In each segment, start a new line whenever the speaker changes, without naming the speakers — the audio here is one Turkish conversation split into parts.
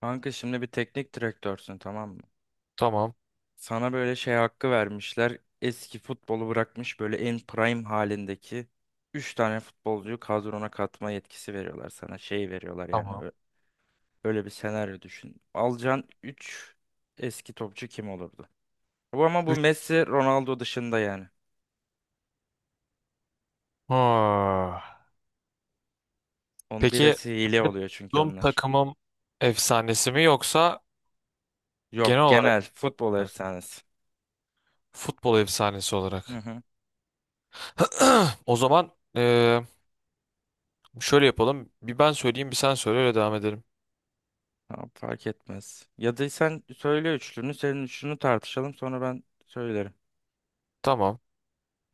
Kanka şimdi bir teknik direktörsün, tamam mı?
Tamam.
Sana böyle şey hakkı vermişler. Eski futbolu bırakmış böyle en prime halindeki 3 tane futbolcuyu kadrona katma yetkisi veriyorlar sana. Şey veriyorlar yani.
Tamam.
Öyle bir senaryo düşün. Alacağın 3 eski topçu kim olurdu? Bu ama bu
Üç.
Messi, Ronaldo dışında yani.
Ha.
Onun
Peki
birisi hile
kendi
oluyor çünkü
bulunduğum
onlar.
takımım efsanesi mi yoksa
Yok,
genel olarak
genel futbol
mı?
efsanesi.
Futbol efsanesi
Hı
olarak?
hı.
O zaman eee, şöyle yapalım. Bir ben söyleyeyim, bir sen söyle, öyle devam edelim.
Tamam, fark etmez. Ya da sen söyle üçlünü, senin üçlünü tartışalım sonra ben söylerim.
Tamam.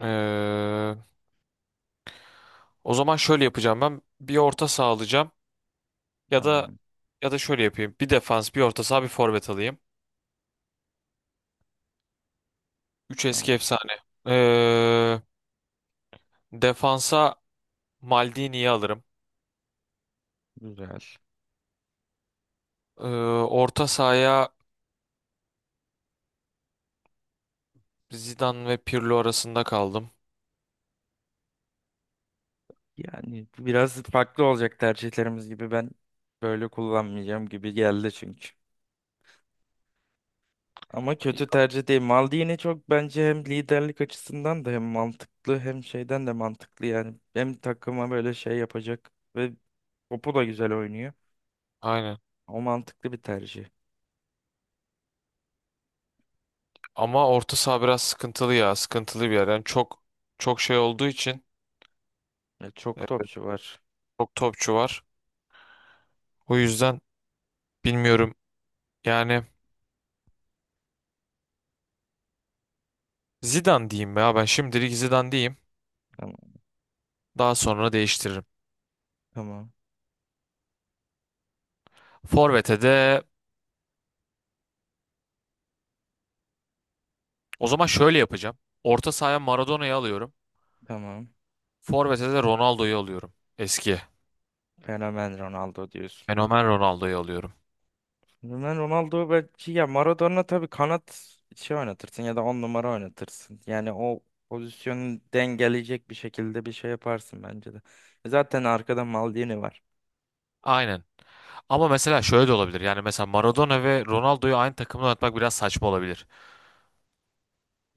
Eee, O zaman şöyle yapacağım ben. Bir orta saha alacağım ya da
Tamam.
şöyle yapayım. Bir defans, bir orta saha, bir forvet alayım. Üç eski
Tamam.
efsane. Eee, Defansa Maldini'yi alırım.
Güzel.
Ee, Orta sahaya Zidane ve Pirlo arasında kaldım.
Yani biraz farklı olacak tercihlerimiz gibi, ben böyle kullanmayacağım gibi geldi çünkü. Ama kötü tercih değil. Maldini çok bence hem liderlik açısından da hem mantıklı hem şeyden de mantıklı yani. Hem takıma böyle şey yapacak ve topu da güzel oynuyor.
Aynen.
O mantıklı bir tercih.
Ama orta saha biraz sıkıntılı ya. Sıkıntılı bir yer. Yani çok şey olduğu için
Ya çok
e,
topçu var.
çok topçu var. O yüzden bilmiyorum. Yani Zidane diyeyim ya. Ben şimdilik Zidane diyeyim.
Tamam.
Daha sonra değiştiririm.
Tamam.
Forvet'e de o zaman şöyle yapacağım. Orta sahaya Maradona'yı alıyorum.
Tamam.
Forvet'e de Ronaldo'yu alıyorum. Eski.
Fenomen Ronaldo diyorsun.
Fenomen Ronaldo'yu alıyorum.
Ben Ronaldo belki, ya Maradona tabii kanat şey oynatırsın ya da on numara oynatırsın. Yani o pozisyonu dengeleyecek bir şekilde bir şey yaparsın bence de. E zaten arkada Maldini var.
Aynen. Ama mesela şöyle de olabilir. Yani mesela Maradona ve Ronaldo'yu aynı takımda oynatmak biraz saçma olabilir.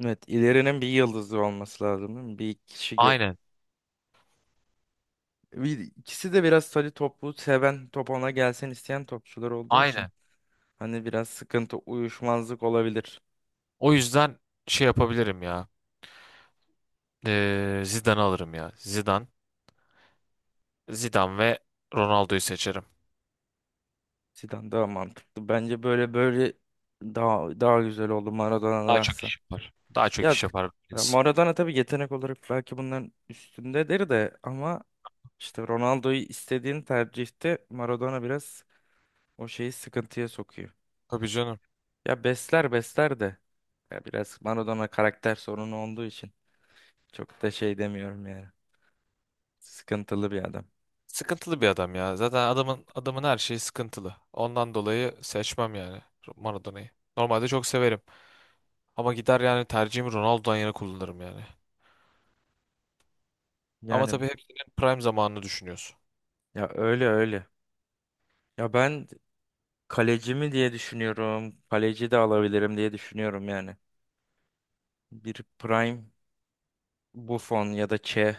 Evet, ilerinin bir yıldızı olması lazım, değil mi?
Aynen.
Bir, ikisi de biraz tabii topu seven, top ona gelsin isteyen topçular olduğu için
Aynen.
hani biraz sıkıntı, uyuşmazlık olabilir.
O yüzden şey yapabilirim ya. Zidane'ı alırım ya. Zidane. Zidane ve Ronaldo'yu seçerim.
Zidane daha mantıklı. Bence böyle böyle daha güzel oldu
Daha çok
Maradona'dansa.
iş yapar. Daha çok
Ya
iş yapar biz.
Maradona tabii yetenek olarak belki bunların üstündedir de, ama işte Ronaldo'yu istediğin tercihte Maradona biraz o şeyi sıkıntıya sokuyor.
Tabii canım.
Ya besler besler de, ya biraz Maradona karakter sorunu olduğu için çok da şey demiyorum yani. Sıkıntılı bir adam.
Sıkıntılı bir adam ya. Zaten adamın her şeyi sıkıntılı. Ondan dolayı seçmem yani Maradona'yı. Normalde çok severim. Ama gider yani tercihimi Ronaldo'dan yana kullanırım yani. Ama
Yani
tabii hepsinin prime zamanını düşünüyorsun.
ya öyle öyle. Ya ben kaleci mi diye düşünüyorum. Kaleci de alabilirim diye düşünüyorum yani. Bir prime Buffon ya da Che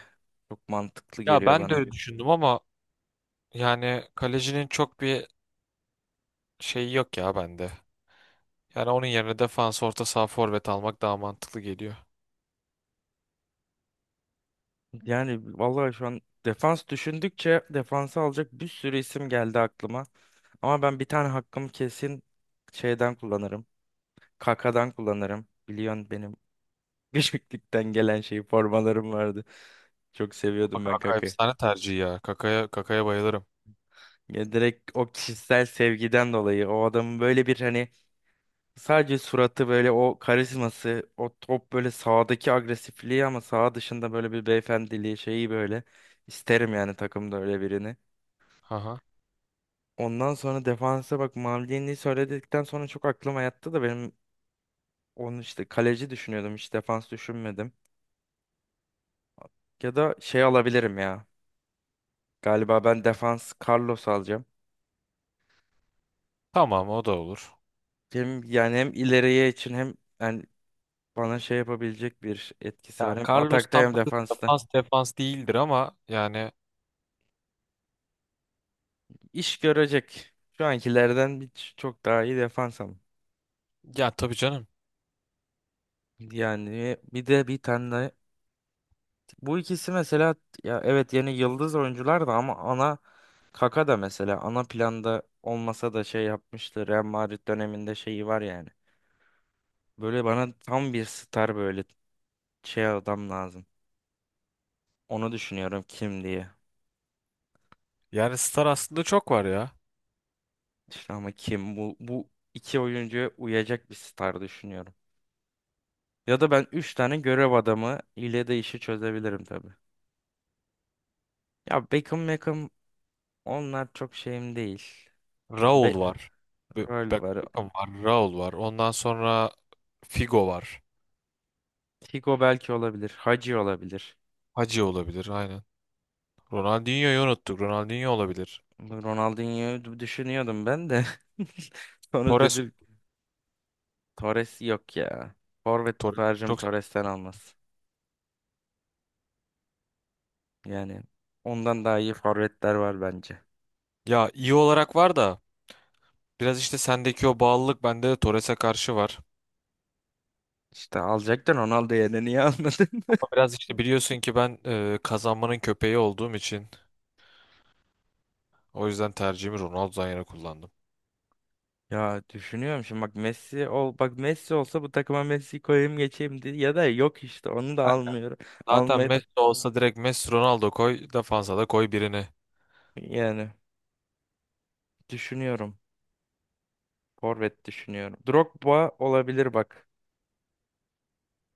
çok mantıklı
Ya
geliyor
ben de
bana.
öyle düşündüm ama yani kalecinin çok bir şeyi yok ya bende. Yani onun yerine defans, orta saha, forvet almak daha mantıklı geliyor.
Yani vallahi şu an defans düşündükçe defansı alacak bir sürü isim geldi aklıma. Ama ben bir tane hakkımı kesin şeyden kullanırım. Kaka'dan kullanırım. Biliyorsun benim küçüklükten gelen şey formalarım vardı. Çok
Ama
seviyordum ben
Kaka
Kaka'yı.
efsane tercih ya. Kaka'ya bayılırım.
Ya direkt o kişisel sevgiden dolayı o adamın böyle bir hani sadece suratı, böyle o karizması, o top, böyle sahadaki agresifliği ama saha dışında böyle bir beyefendiliği şeyi böyle isterim yani, takımda öyle birini.
Aha.
Ondan sonra defansa bak, Maldini'yi söyledikten sonra çok aklıma yattı da benim, onu işte kaleci düşünüyordum, hiç defans düşünmedim. Ya da şey alabilirim ya. Galiba ben defans Carlos alacağım.
Tamam, o da olur.
Hem yani hem ileriye için, hem yani bana şey yapabilecek bir etkisi
Ya
var. Hem
Carlos
atakta hem
Tampa'da
defansta.
defans değildir ama yani
İş görecek. Şu ankilerden çok daha iyi defans ama.
ya tabii canım.
Yani bir de bir tane bu ikisi mesela, ya evet yeni yıldız oyuncular da ama ana, Kaka da mesela ana planda olmasa da şey yapmıştı. Real Madrid döneminde şeyi var yani. Böyle bana tam bir star, böyle şey adam lazım. Onu düşünüyorum kim diye.
Yani star aslında çok var ya.
İşte ama kim, bu iki oyuncuya uyacak bir star düşünüyorum. Ya da ben üç tane görev adamı ile de işi çözebilirim tabii. Ya Beckham onlar çok şeyim değil. Ya
Raul
Be-
var.
Rol var.
Beckham var. Raul var. Ondan sonra Figo var.
Figo belki olabilir. Hacı olabilir.
Hacı olabilir, aynen. Ronaldinho'yu unuttuk. Ronaldinho olabilir.
Bu Ronaldinho'yu düşünüyordum ben de. Sonra
Torres,
dedim Torres yok ya. Forvet
Torres
tercihim
çok
Torres'ten almaz. Yani ondan daha iyi forvetler var bence.
ya iyi olarak var da biraz işte sendeki o bağlılık bende de Torres'e karşı var.
İşte alacaktın Ronaldo yerine, niye almadın?
Ama biraz işte biliyorsun ki ben, kazanmanın köpeği olduğum için o yüzden tercihimi Ronaldo'dan yana kullandım.
Ya düşünüyorum şimdi bak, Messi ol bak, Messi olsa bu takıma Messi koyayım geçeyim diye, ya da yok işte onu da
Kanka,
almıyorum.
zaten
Almadı.
Messi olsa direkt Messi Ronaldo koy, defansa da koy birini.
Yani düşünüyorum. Forvet düşünüyorum. Drogba olabilir bak.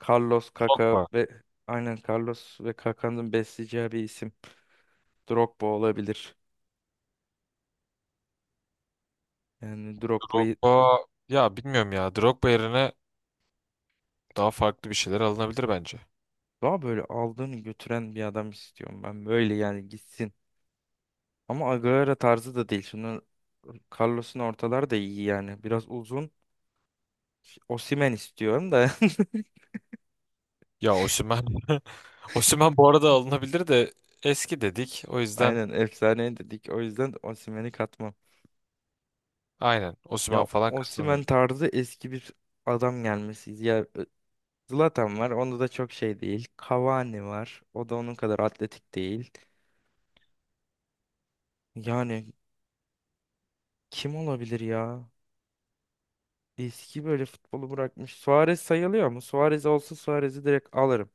Carlos, Kaka
Drogba.
ve aynen, Carlos ve Kaka'nın besleyeceği bir isim. Drogba olabilir. Yani Drogba'yı
Drogba ya bilmiyorum ya, Drogba yerine daha farklı bir şeyler alınabilir bence.
daha böyle aldığını götüren bir adam istiyorum ben. Böyle yani, gitsin. Ama Agüero tarzı da değil. Şimdi Carlos'un ortalar da iyi yani. Biraz uzun. Osimhen istiyorum da.
Ya Osimhen Osimhen bu arada alınabilir de eski dedik. O yüzden
Aynen efsane dedik. O yüzden Osimhen'i katmam.
aynen Osimhen
Ya
falan katılmıyor.
Osimhen tarzı eski bir adam gelmesi. Ya Zlatan var. Onda da çok şey değil. Cavani var. O da onun kadar atletik değil. Yani kim olabilir ya? Eski böyle futbolu bırakmış. Suarez sayılıyor mu? Suarez olsa Suarez'i direkt alırım.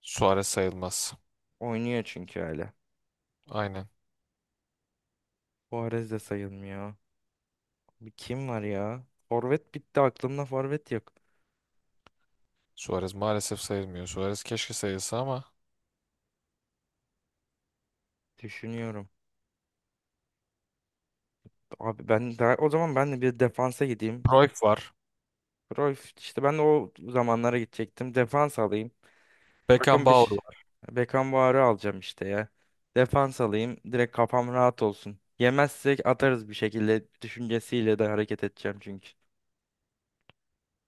Suarez sayılmaz.
Oynuyor çünkü hala.
Aynen.
Suarez de sayılmıyor. Bir kim var ya? Forvet bitti, aklımda forvet yok.
Suarez maalesef sayılmıyor. Suarez keşke sayılsa ama
Düşünüyorum. Abi ben daha o zaman, ben de bir defansa gideyim.
Cruyff var.
Cruyff işte, ben de o zamanlara gidecektim. Defans alayım. Takım bir
Beckenbauer
ş-
var.
Beckenbauer'ı alacağım işte ya. Defans alayım. Direkt kafam rahat olsun. Yemezsek atarız bir şekilde düşüncesiyle de hareket edeceğim çünkü.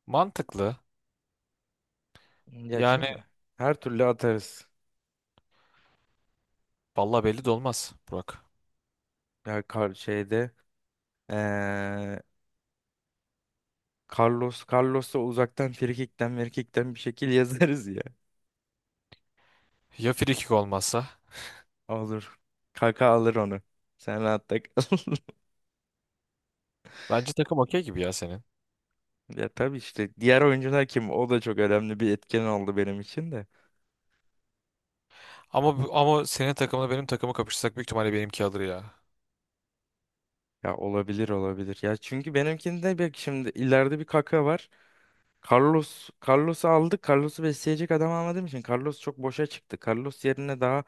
Mantıklı.
Ya
Yani
çünkü her türlü atarız.
valla belli de olmaz Burak.
Ya kar şeyde eee, Carlos'a uzaktan frikikten merkikten bir şekil yazarız ya.
Ya frikik olmazsa?
Olur. Kaka alır onu. Sen rahat da kal.
Bence takım okey gibi ya senin.
Ya tabii işte diğer oyuncular kim? O da çok önemli bir etken oldu benim için de.
Ama ama senin takımla benim takımı kapışsak büyük ihtimalle benimki alır ya.
Ya olabilir olabilir. Ya çünkü benimkinde bir şimdi ileride bir kaka var. Carlos'u aldık. Carlos'u besleyecek adam almadığım için Carlos çok boşa çıktı. Carlos yerine daha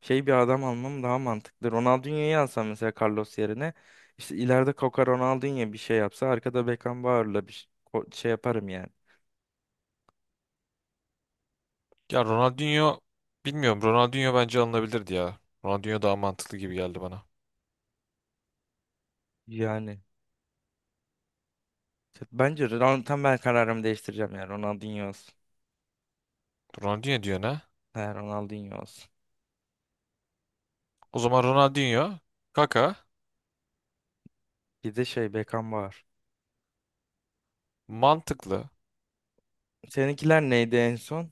şey bir adam almam daha mantıklı. Ronaldinho'yu alsam mesela Carlos yerine, işte ileride Kaka Ronaldinho bir şey yapsa arkada Beckenbauer'la bir şey şey yaparım yani.
Ya Ronaldinho bilmiyorum. Ronaldinho bence alınabilirdi ya. Ronaldinho daha mantıklı gibi geldi bana.
Yani bence tam ben kararımı değiştireceğim, yani Ronaldinho olsun.
Ronaldinho diyor ne?
He, Ronaldinho olsun.
O zaman Ronaldinho, Kaka,
Bir de şey Beckenbauer.
mantıklı.
Seninkiler neydi en son?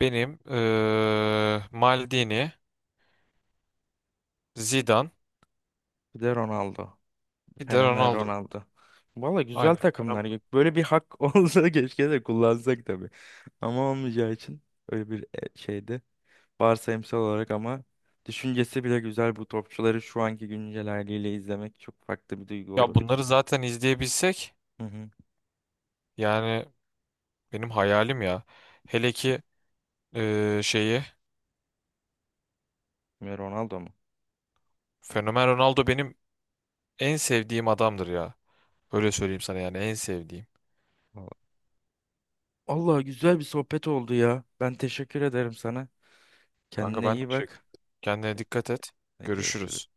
Benim Maldini, Zidane,
Bir de Ronaldo.
bir de
Fenomen
Ronaldo.
Ronaldo. Valla güzel
Aynen.
takımlar ya. Böyle bir hak olsa keşke de kullansak tabii. Ama olmayacağı için öyle bir şeydi. Varsayımsal olarak ama düşüncesi bile güzel, bu topçuları şu anki güncel haliyle izlemek çok farklı bir duygu
Ya
olurdu.
bunları zaten izleyebilsek
Hı hı.
yani benim hayalim ya. Hele ki şeyi
Ve Ronaldo mu?
Fenomen Ronaldo benim en sevdiğim adamdır ya. Öyle söyleyeyim sana yani en sevdiğim.
Valla. Allah güzel bir sohbet oldu ya. Ben teşekkür ederim sana.
Kanka
Kendine
ben
iyi
teşekkür.
bak.
Kendine dikkat et.
Hadi
Görüşürüz.
görüşürüz.